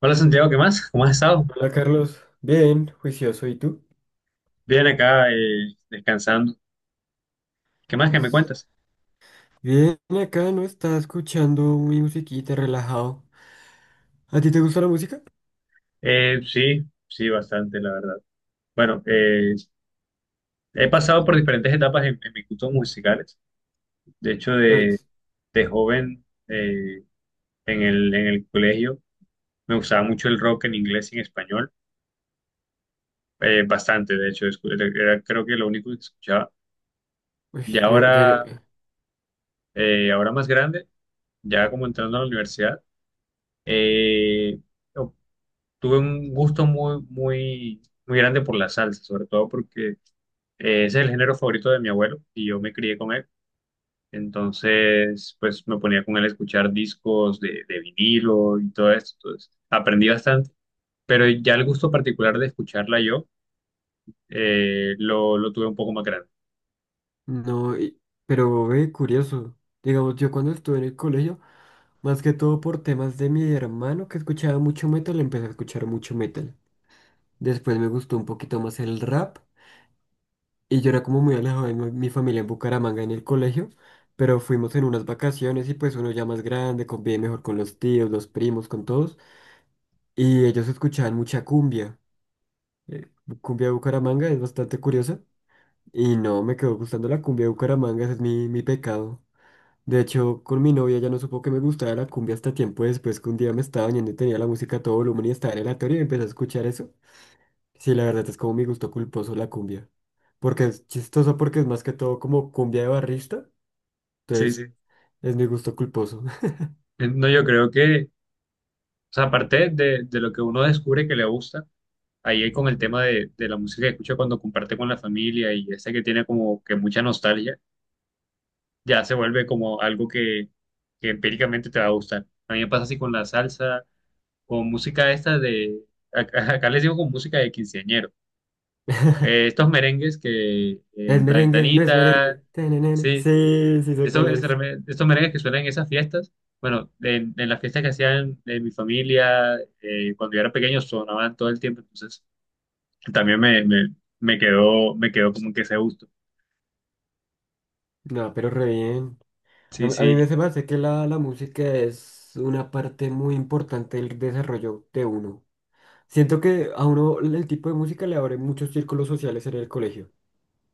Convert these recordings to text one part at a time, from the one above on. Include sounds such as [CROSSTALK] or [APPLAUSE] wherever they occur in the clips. Hola Santiago, ¿qué más? ¿Cómo has estado? Hola Carlos, bien, juicioso, ¿y tú? Bien acá, descansando. ¿Qué más que me cuentas? Bien, acá no estaba escuchando mi musiquita, relajado. ¿A ti te gusta la música? Sí, sí, bastante, la verdad. Bueno, he pasado por diferentes etapas en mis gustos musicales. De hecho, Ahorita- de joven, en el colegio, me gustaba mucho el rock en inglés y en español. Bastante, de hecho, era creo que lo único que escuchaba. uy, Y yo ahora, ahora más grande, ya como entrando a la universidad, eh, tuve un gusto muy, muy, muy grande por la salsa, sobre todo porque ese es el género favorito de mi abuelo y yo me crié con él. Entonces, pues me ponía con él a escuchar discos de vinilo y todo esto. Entonces, aprendí bastante, pero ya el gusto particular de escucharla yo lo tuve un poco más grande. no, y- pero ve, curioso. Digamos, yo cuando estuve en el colegio, más que todo por temas de mi hermano que escuchaba mucho metal, empecé a escuchar mucho metal. Después me gustó un poquito más el rap. Y yo era como muy alejado de mi familia en Bucaramanga en el colegio, pero fuimos en unas vacaciones y pues uno ya más grande convive mejor con los tíos, los primos, con todos. Y ellos escuchaban mucha cumbia. eh, Cumbia de Bucaramanga es bastante curiosa. Y no, me quedó gustando la cumbia de Bucaramanga, ese es mi pecado. De hecho, con mi novia ya no supo que me gustaba la cumbia hasta tiempo después que un día me estaba bañando y tenía la música a todo volumen y estaba en el aleatorio y empecé a escuchar eso. Sí, la verdad es como mi gusto culposo la cumbia. Porque es chistoso porque es más que todo como cumbia de barrista. Sí, Entonces, sí. es mi gusto culposo. No, yo creo que, o sea, aparte de lo que uno descubre que le gusta, ahí hay con el tema de la música que escucha cuando comparte con la familia y esa que tiene como que mucha nostalgia ya se vuelve como algo que empíricamente te va a gustar. A mí me pasa así con la salsa, con música esta acá, [LAUGHS] acá les digo con música de quinceañero. [LAUGHS] Estos merengues Es la merengue, no es ventanita, merengue. Tenenene. sí, Sí, sí sé estos, cuál es. estos merengues que suenan en esas fiestas, bueno, en las fiestas que hacían en mi familia, cuando yo era pequeño, sonaban todo el tiempo, entonces también me quedó como que ese gusto. No, pero re bien. A, Sí, a mí me sí, se me hace que la música es una parte muy importante del desarrollo de uno. Siento que a uno el tipo de música le abre muchos círculos sociales en el colegio.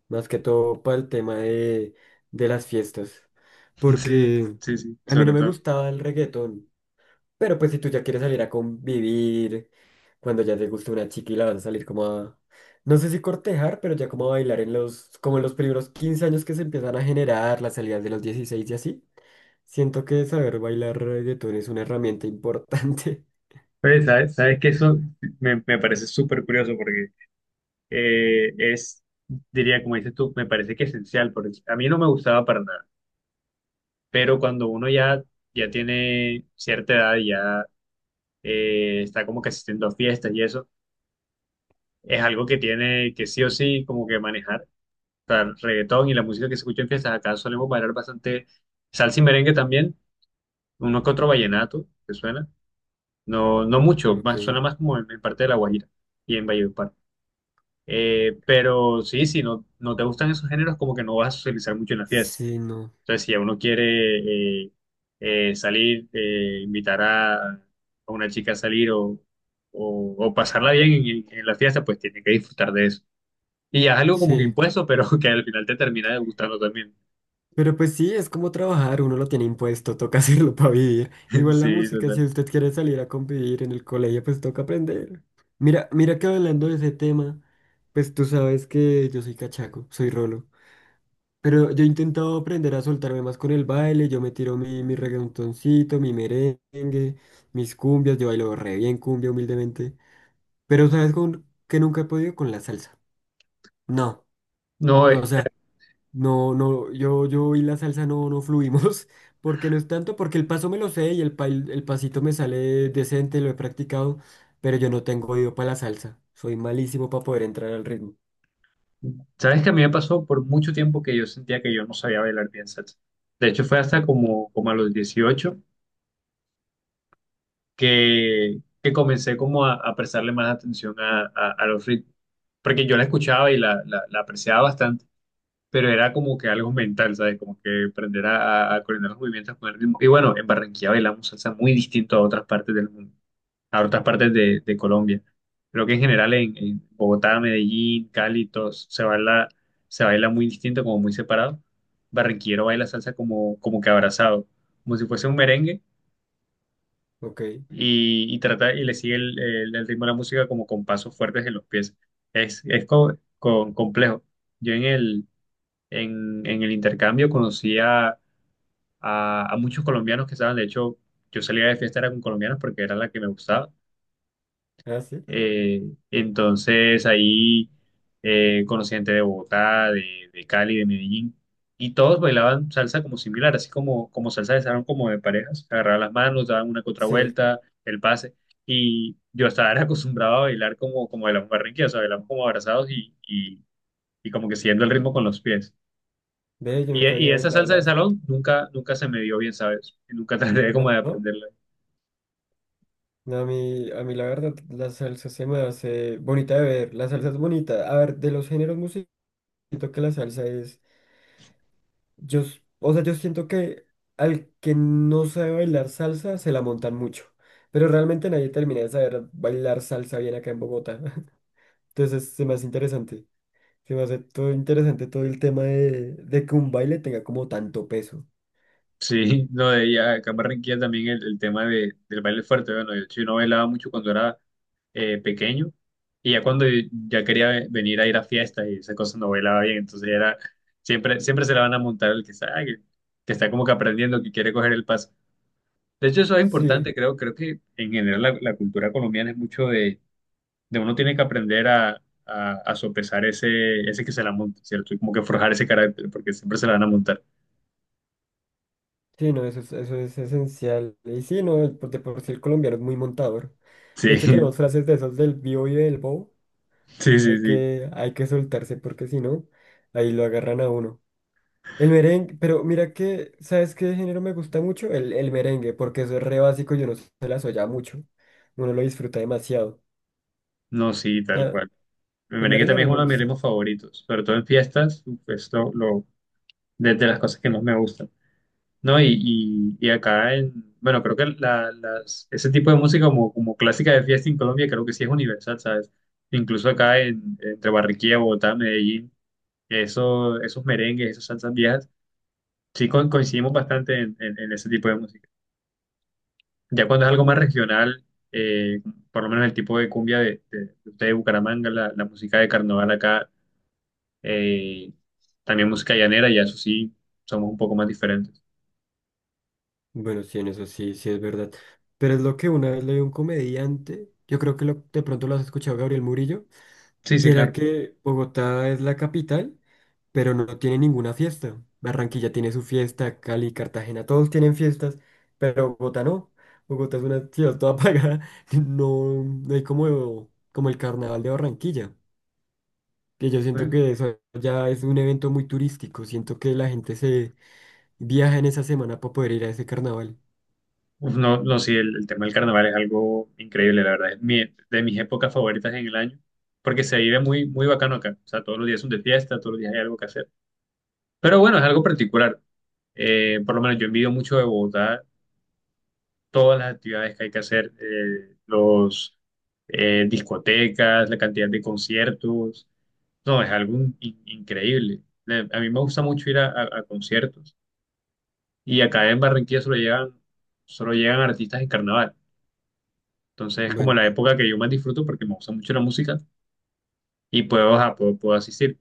Más que todo para el tema de las fiestas, [LAUGHS] sí, porque sí, sí, a mí no sobre me todo. gustaba el reggaetón, pero pues si tú ya quieres salir a convivir, cuando ya te gusta una chica y la vas a salir como a, no sé si cortejar, pero ya como a bailar en los, como en los primeros 15 años que se empiezan a generar, las salidas de los 16 y así, siento que saber bailar reggaetón es una herramienta importante. [LAUGHS] Oye, sabes que eso me parece súper curioso porque eh, es, diría, como dices tú, me parece que esencial, porque a mí no me gustaba para nada, pero cuando uno ya tiene cierta edad, y ya está como que asistiendo a fiestas y eso, es algo que tiene que sí o sí como que manejar? O sea, el reggaetón y la música que se escucha en fiestas, acá solemos bailar bastante salsa y merengue también, uno que otro vallenato que suena, no, no mucho, Ok, más, suena más como en parte de La Guajira y en Valledupar. Pero sí, si no te gustan esos géneros, como que no vas a socializar mucho en la fiesta. sí, no, Entonces, si uno quiere salir, invitar a una chica a salir o pasarla bien en la fiesta, pues tiene que disfrutar de eso. Y ya es algo como que sí. impuesto, pero [LAUGHS] que al final te termina gustando también. Pero pues sí, es como trabajar, uno lo tiene impuesto, toca [LAUGHS] hacerlo para vivir. [LAUGHS] Igual la Sí, música, si total. usted quiere salir a convivir en el colegio, pues toca aprender. Mira, mira que hablando de ese tema, pues tú sabes que yo soy cachaco, soy rolo. Pero yo he intentado aprender a soltarme más con el baile, yo me tiro mi reggaetoncito, mi merengue, mis cumbias, yo bailo re bien cumbia humildemente. Pero sabes con que nunca he podido con la salsa. No. No, O sea, no, no, yo y la salsa no, no fluimos, [LAUGHS] porque no es tanto, porque el paso me lo sé y el pasito me sale decente, lo he practicado, pero yo no tengo oído para la salsa. Soy malísimo para poder entrar al ritmo. sabes que a mí me pasó por mucho tiempo que yo sentía que yo no sabía bailar bien salsa. De hecho, fue hasta como a los 18 que, comencé como a prestarle más atención a los ritmos, porque yo la escuchaba y la apreciaba bastante, pero era como que algo mental, ¿sabes? Como que aprender a coordinar los movimientos con el ritmo. Y bueno, en Barranquilla bailamos salsa muy distinto a otras partes del mundo, a otras partes de Colombia. Creo que en general en Bogotá, Medellín, Cali, todos, se baila muy distinto, como muy separado. Barranquillero baila salsa como, como que abrazado, como si fuese un merengue, Ok. Y, trata y le sigue el ritmo de la música como con pasos fuertes en los pies. Es complejo. Yo en el intercambio conocí a muchos colombianos que estaban, de hecho, yo salía de fiesta era con colombianos porque era la que me gustaba, ¿Ah, sí? eh, entonces ahí conocí gente de Bogotá, de Cali, de Medellín, y todos bailaban salsa como similar, así como, como salsa de salón, como de parejas. Agarraban las manos, daban una contra Sí. vuelta, el pase, y yo estaba era acostumbrado a bailar como, como bailamos barranquilla, o sea, bailamos como abrazados y como que siguiendo el ritmo con los pies. Ve, yo Y, nunca y había esa bailado salsa de la salsa. salón nunca, nunca se me dio bien, ¿sabes? Nunca [LAUGHS] traté como No, de no, aprenderla. no, a mí la verdad, la salsa se me hace bonita de ver. La salsa es bonita. A ver, de los géneros musicales, siento que la salsa es. O sea, yo siento que al que no sabe bailar salsa se la montan mucho, pero realmente nadie termina de saber bailar salsa bien acá en Bogotá. [LAUGHS] Entonces se me hace interesante, se me hace todo interesante todo el tema de que un baile tenga como tanto peso. Sí, [LAUGHS] no, de ella, acá en Barranquilla también el tema del baile fuerte. Bueno, yo, sí no bailaba mucho cuando era pequeño y ya cuando ya quería venir a ir a fiestas y esas cosas no bailaba bien, entonces era, siempre se la van a montar el que está, ah, que está como que aprendiendo, que quiere coger el paso. De hecho, eso es Sí, importante, creo que en general la cultura colombiana es mucho de uno tiene que aprender a sopesar ese que se la monta, ¿cierto? Y como que forjar ese carácter, porque siempre se la van a montar. sí, no, eso es esencial. Y sí, no, el- de por sí el colombiano es muy montador. De Sí, [LAUGHS] hecho, tenemos sí, frases de esos del bio y del bow. sí, sí. Hay que soltarse porque si no, ahí lo agarran a uno. El merengue, pero mira que, ¿sabes qué género me gusta mucho? El merengue, porque eso es re básico, yo no se las oya mucho. Uno lo disfruta demasiado. No, sí, tal Ah, cual. El el merengue merengue a también mí es me uno de mis gusta. ritmos favoritos, sobre todo en fiestas, esto lo, de las cosas que más me gustan, ¿no? Y acá bueno, creo que las, ese tipo de música como, como clásica de fiesta en Colombia creo que sí es universal, ¿sabes? Incluso acá entre Barranquilla, Bogotá, Medellín, eso, esos merengues, esas salsas viejas, sí coincidimos bastante en ese tipo de música. Ya cuando es algo más regional, eh, por lo menos el tipo de cumbia de ustedes de Bucaramanga, la música de carnaval acá, eh, también música llanera, y eso sí, somos un poco más diferentes. Bueno, sí, en eso sí, sí es verdad. Pero es lo que una vez leí a un comediante, yo creo que lo- de pronto lo has escuchado, Gabriel Murillo, Sí, sí, que era claro. que Bogotá es la capital, pero no tiene ninguna fiesta. Barranquilla tiene su fiesta, Cali, Cartagena, todos tienen fiestas, pero Bogotá no. Bogotá es una ciudad toda [LAUGHS] apagada. No, no hay como, como el carnaval de Barranquilla, que yo siento que eso ya es un evento muy turístico. Siento que la gente se viaja en esa semana para poder ir a ese carnaval. Uf, no, no, sí, el tema del carnaval es algo increíble, la verdad, es de mis épocas favoritas en el año, porque se vive muy, muy bacano acá, o sea, todos los días son de fiesta, todos los días hay algo que hacer. Pero bueno, es algo particular. Por lo menos yo envidio mucho de Bogotá todas las actividades que hay que hacer, los discotecas, la cantidad de conciertos. No, es algo increíble. A mí me gusta mucho ir a conciertos y acá en Barranquilla solo llegan artistas en carnaval. Entonces es como Bueno, la época que yo más disfruto porque me gusta mucho la música y puedo, ajá, puedo asistir.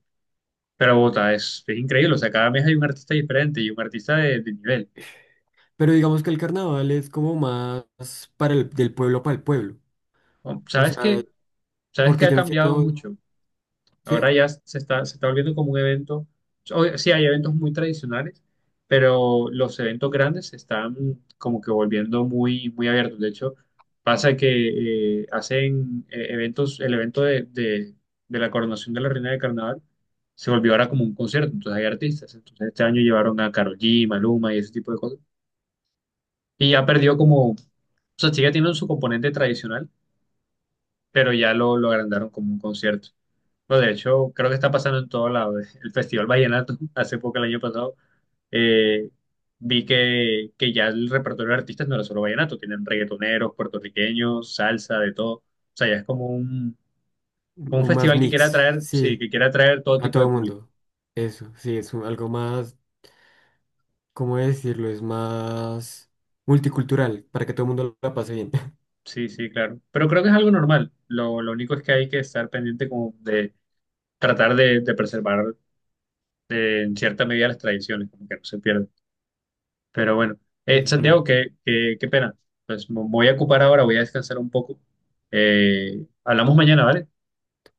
Pero Bogotá es increíble, o sea, cada mes hay un artista diferente y un artista de nivel. pero digamos que el carnaval es como más para el, del pueblo para el pueblo. O ¿Sabes sea, qué? ¿Sabes qué porque ha yo no cambiado siento, mucho? Ahora ¿sí? ya se está volviendo como un evento. Sí, hay eventos muy tradicionales, pero los eventos grandes se están como que volviendo muy, muy abiertos. De hecho, pasa que hacen eventos, el evento de la coronación de la Reina de Carnaval se volvió ahora como un concierto. Entonces hay artistas. Entonces este año llevaron a Karol G, Maluma y ese tipo de cosas. Y ya perdió como, o sea, sigue teniendo su componente tradicional, pero ya lo agrandaron como un concierto. No, de hecho, creo que está pasando en todo lado. El Festival Vallenato, [LAUGHS] hace poco, el año pasado, eh, vi que, ya el repertorio de artistas no era solo vallenato, tienen reggaetoneros, puertorriqueños, salsa, de todo. O sea, ya es como un O más festival que quiere mix, atraer, sí, sí. que quiere atraer todo A tipo de todo público. mundo. Eso, sí, es un- algo más, ¿cómo decirlo? Es más multicultural, para que todo el mundo la pase bien. [LAUGHS] Sí, sí, claro. Pero creo que es algo normal. Lo único es que hay que estar pendiente como de tratar de preservar, en cierta medida, las tradiciones, como que no se pierdan. Pero bueno. Eso es Santiago, verdad. qué, qué pena. Pues me voy a ocupar ahora, voy a descansar un poco. Hablamos mañana, ¿vale?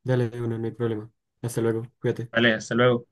Dale, de una, no hay problema. Hasta luego, cuídate. Vale, hasta luego.